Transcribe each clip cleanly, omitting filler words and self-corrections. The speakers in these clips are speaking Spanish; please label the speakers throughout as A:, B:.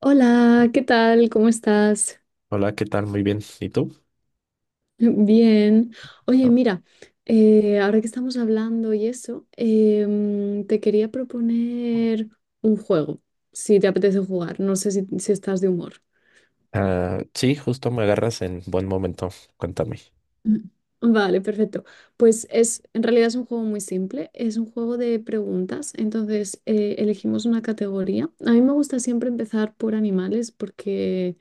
A: Hola, ¿qué tal? ¿Cómo estás?
B: Hola, ¿qué tal? Muy bien. ¿Y tú?
A: Bien. Oye,
B: No.
A: mira, ahora que estamos hablando y eso, te quería proponer un juego, si te apetece jugar. No sé si estás de humor.
B: Ah, sí, justo me agarras en buen momento. Cuéntame.
A: Mm. Vale, perfecto. Pues es, en realidad es un juego muy simple, es un juego de preguntas. Entonces, elegimos una categoría. A mí me gusta siempre empezar por animales porque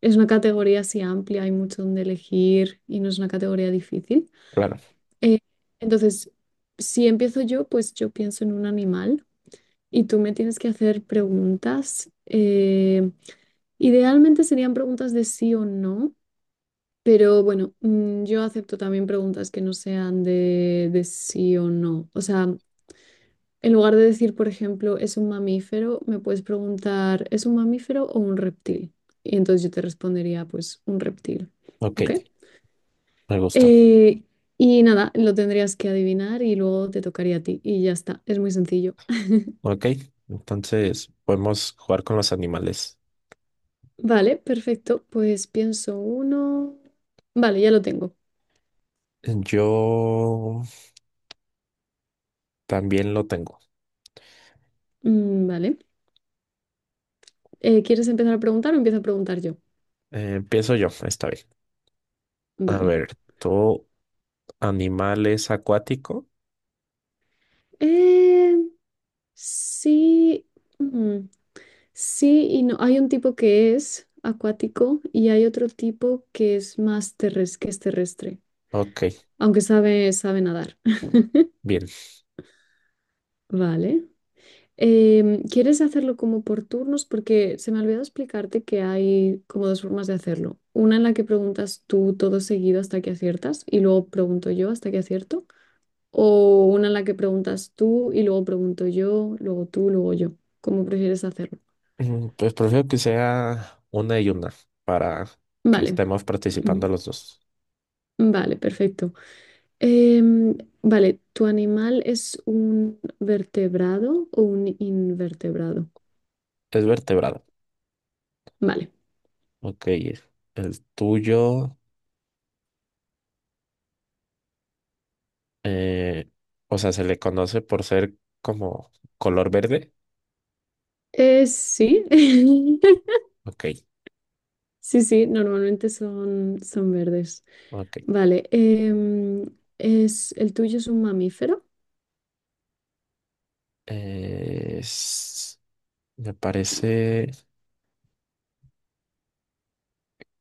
A: es una categoría así amplia, hay mucho donde elegir y no es una categoría difícil.
B: Claro.
A: Eh, entonces, si empiezo yo, pues yo pienso en un animal y tú me tienes que hacer preguntas. Idealmente serían preguntas de sí o no, pero bueno, yo acepto también preguntas que no sean de sí o no. O sea, en lugar de decir, por ejemplo, ¿es un mamífero? Me puedes preguntar, ¿es un mamífero o un reptil? Y entonces yo te respondería, pues, un reptil.
B: Ok,
A: ¿Ok?
B: me gusta.
A: Eh, y nada, lo tendrías que adivinar y luego te tocaría a ti. Y ya está, es muy sencillo.
B: Ok, entonces podemos jugar con los animales.
A: Vale, perfecto. Pues pienso uno. Vale, ya lo tengo.
B: Yo también lo tengo.
A: Mm, vale. ¿Quieres empezar a preguntar o empiezo a preguntar yo?
B: Empiezo yo, esta vez. A
A: Vale.
B: ver, ¿tu animal es acuático?
A: Eh, sí. Mm, sí y no. Hay un tipo que es acuático y hay otro tipo que es más terrestre, que es terrestre,
B: Ok,
A: aunque sabe nadar.
B: bien.
A: Vale. ¿Quieres hacerlo como por turnos? Porque se me olvidó explicarte que hay como dos formas de hacerlo. Una en la que preguntas tú todo seguido hasta que aciertas y luego pregunto yo hasta que acierto. O una en la que preguntas tú y luego pregunto yo, luego tú, luego yo. ¿Cómo prefieres hacerlo?
B: Mm, pues prefiero que sea una y una para que
A: Vale.
B: estemos participando
A: Ujú.
B: los dos.
A: Vale, perfecto. Em, vale, ¿tu animal es un vertebrado o un invertebrado?
B: Es vertebrado.
A: Vale.
B: Ok, el tuyo. Eh, o sea, se le conoce por ser como color verde.
A: Sí.
B: Ok,
A: Sí, sí, normalmente son verdes.
B: ok.
A: Vale, ¿el tuyo es un mamífero?
B: Eh, s- me parece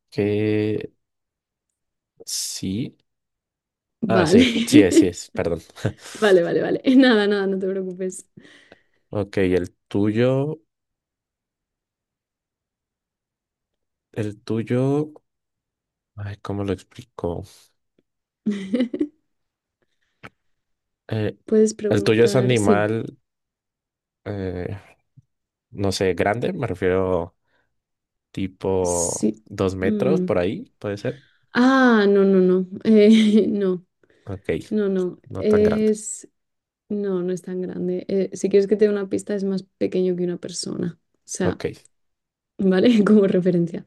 B: que sí. Ah, sí,
A: Vale,
B: sí es, sí es, perdón.
A: vale, vale, vale. Nada, nada, no te preocupes.
B: Ok, el tuyo, ay, ¿cómo lo explico? Eh,
A: Puedes
B: el tuyo es
A: preguntar, sí,
B: animal, eh, no sé, grande, me refiero tipo
A: sí.
B: 2 metros
A: Mm.
B: por ahí, puede ser.
A: Ah, no, no, no, no,
B: Ok,
A: no, no.
B: no tan grande.
A: Es, no, no es tan grande. Si quieres que te dé una pista, es más pequeño que una persona. O sea,
B: Ok.
A: ¿vale? Como referencia.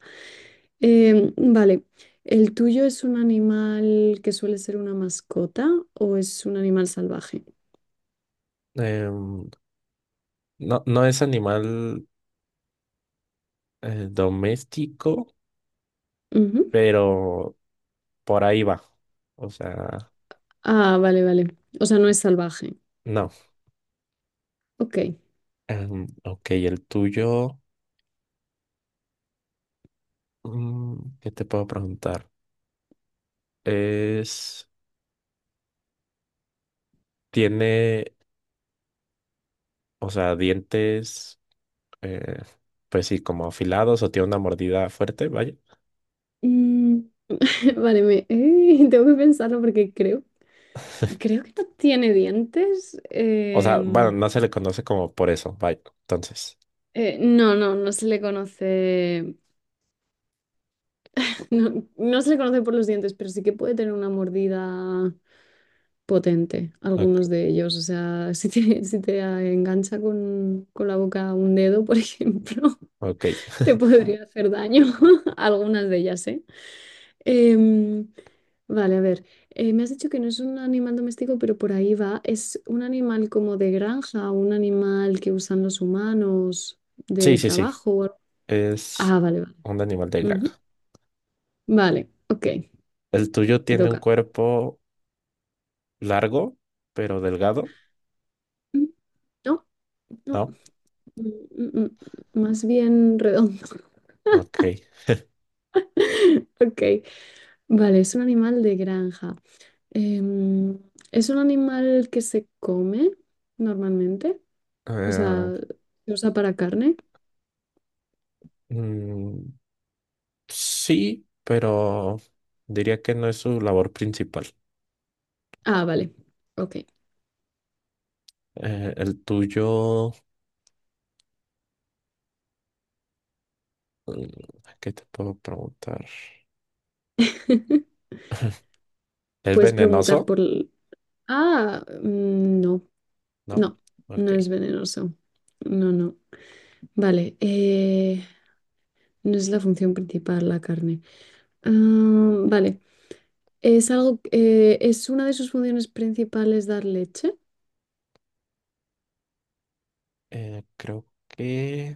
A: Vale, ¿el tuyo es un animal que suele ser una mascota o es un animal salvaje?
B: Em, no, no es animal doméstico,
A: Ujú.
B: pero por ahí va. O sea,
A: Ah, vale, vale. O sea, no es salvaje.
B: no.
A: Ok.
B: Em, ok, el tuyo, mm, ¿qué te puedo preguntar? Es, tiene, o sea, dientes, eh, pues sí, como afilados o tiene una mordida fuerte, vaya.
A: Mm, vale, tengo que pensarlo porque creo, creo que no tiene dientes.
B: O sea, bueno, no se le conoce como por eso, vaya. Entonces,
A: No, no se le conoce, no, no se le conoce por los dientes, pero sí que puede tener una mordida potente, algunos
B: ok.
A: de ellos. O sea, si te, si te engancha con la boca un dedo, por ejemplo,
B: Ok.
A: te podría hacer daño. Algunas de ellas, ¿eh? Em, vale, a ver. Me has dicho que no es un animal doméstico, pero por ahí va. ¿Es un animal como de granja, un animal que usan los humanos
B: Sí,
A: de
B: sí, sí.
A: trabajo? ¿O algo?
B: Es
A: Ah, vale, vale.
B: un animal de
A: Ujú.
B: granja.
A: Vale, ok,
B: El tuyo
A: te
B: tiene un
A: toca.
B: cuerpo largo, pero delgado,
A: Mm, no, no,
B: ¿no?
A: mm, mm, mm, mm, más bien redondo.
B: Ok.
A: Ok. Vale, es un animal de granja. Em, ¿Es un animal que se come normalmente? O
B: Eh,
A: sea, ¿se usa para carne?
B: mm, sí, pero diría que no es su labor principal.
A: Ah, vale. Ok.
B: El tuyo, mm, ¿qué te puedo preguntar? ¿Es
A: Puedes preguntar
B: venenoso?
A: por... l- Ah, mm, no,
B: ¿No?
A: no, no
B: Ok.
A: es venenoso. No, no. Vale, no es la función principal la carne. Ah, vale, es algo, ¿es una de sus funciones principales dar leche?
B: Creo que...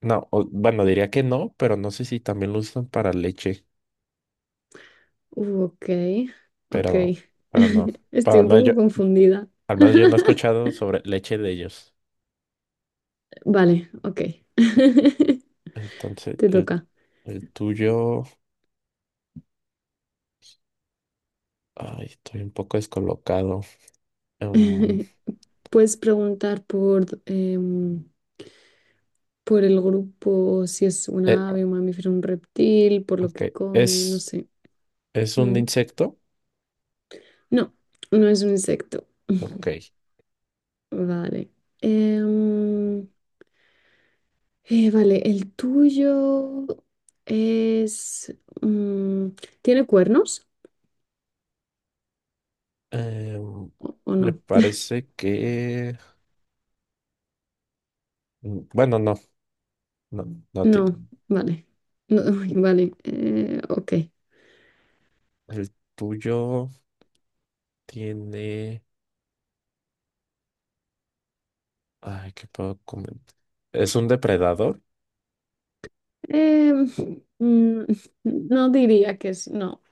B: No, o- bueno, diría que no, pero no sé si también lo usan para leche,
A: Ok, ok.
B: pero, pero no. Pero
A: Estoy un poco confundida.
B: al menos yo no he escuchado sobre leche de ellos.
A: Vale, ok.
B: Entonces,
A: Te toca.
B: el tuyo... Ay, estoy un poco descolocado. Em,
A: Puedes preguntar por, por el grupo, si es un
B: eh,
A: ave, un mamífero, un reptil, por lo
B: ok,
A: que come, no
B: ¿es,
A: sé.
B: ¿es un
A: Mm.
B: insecto?
A: No, no es un insecto.
B: Ok.
A: Vale. Em, vale, el tuyo es... mm, ¿tiene cuernos?
B: Em,
A: O
B: me
A: no?
B: parece que... Mm, bueno, no, no, no
A: No,
B: tiene.
A: vale. No, vale, ok.
B: El tuyo tiene... Ay, ¿qué puedo comentar? ¿Es un depredador?
A: Em, mm, no diría que es, no,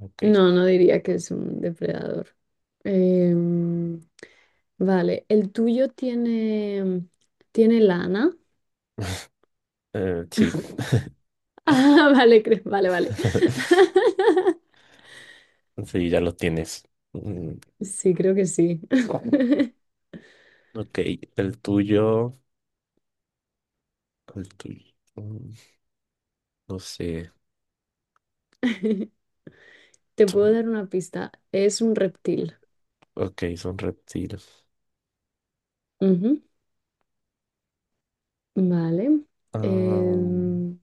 B: Ok.
A: no, no diría que es un depredador. Em, vale, ¿el tuyo tiene lana?
B: Sí,
A: Ah, vale, cre- vale, vale.
B: sí, ya lo tienes. Mm,
A: Sí, creo que sí.
B: ok, el tuyo... El tuyo. Mm, no sé.
A: Te puedo
B: son-
A: dar una pista. Es un reptil.
B: Ok, son reptiles.
A: Ujú, vale.
B: Ah,
A: Em,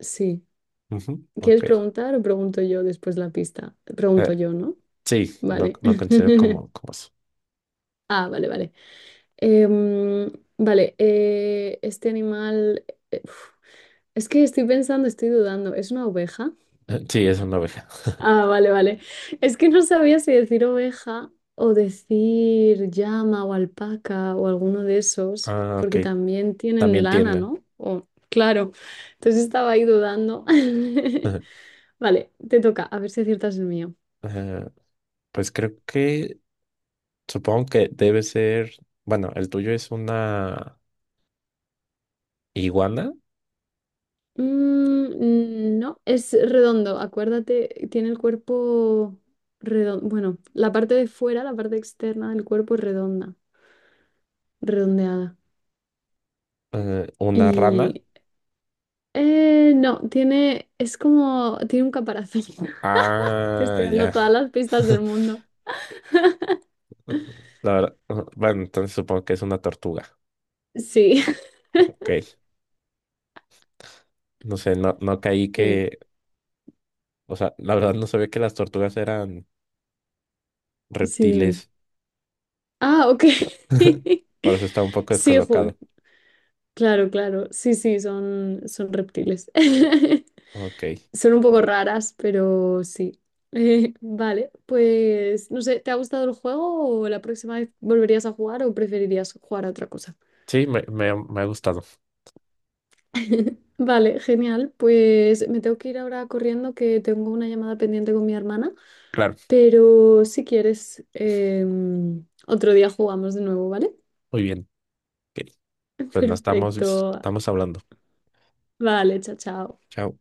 A: sí.
B: ujú,
A: ¿Quieres
B: ok.
A: preguntar o pregunto yo después la pista? Pregunto
B: Eh,
A: yo, ¿no?
B: sí,
A: Vale.
B: lo considero como, como eso.
A: Ah, vale, vale. Em, vale, este animal... uf, es que estoy pensando, estoy dudando. ¿Es una oveja?
B: Sí, es una oveja.
A: Ah, vale, vale. Es que no sabía si decir oveja o decir llama o alpaca o alguno de esos,
B: Ah, ok.
A: porque también tienen
B: También
A: lana,
B: tienden.
A: ¿no? O- claro. Entonces estaba ahí dudando. Vale, te toca, a ver si aciertas el mío.
B: Eh, pues supongo que debe ser, bueno, el tuyo es una iguana,
A: Mm, no, es redondo, acuérdate, tiene el cuerpo redondo, bueno, la parte de fuera, la parte externa del cuerpo es redonda, redondeada.
B: una rana.
A: Y no, tiene, es como, tiene un caparazón. Te
B: Ah,
A: estoy dando
B: ya.
A: todas las pistas del mundo.
B: La verdad, ah, bueno, entonces supongo que es una tortuga.
A: Sí,
B: Ok. No sé, no, no caí
A: sí,
B: que, o sea, la verdad no sabía que las tortugas eran
A: sí, dime.
B: reptiles.
A: Ah, ok.
B: Por eso está un poco
A: Sí, ju-
B: descolocado.
A: claro, claro. Sí, sí, son reptiles.
B: Ok.
A: Son un poco raras, pero sí. Vale, pues no sé, ¿te ha gustado el juego o la próxima vez volverías a jugar o preferirías jugar a otra cosa?
B: Sí, me ha gustado.
A: Vale, genial. Pues me tengo que ir ahora corriendo que tengo una llamada pendiente con mi hermana,
B: Claro.
A: pero si quieres, otro día jugamos de nuevo, ¿vale?
B: Muy bien. Ok. Pues nos estamos,
A: Perfecto.
B: estamos hablando.
A: Vale, chao, chao.
B: Chao.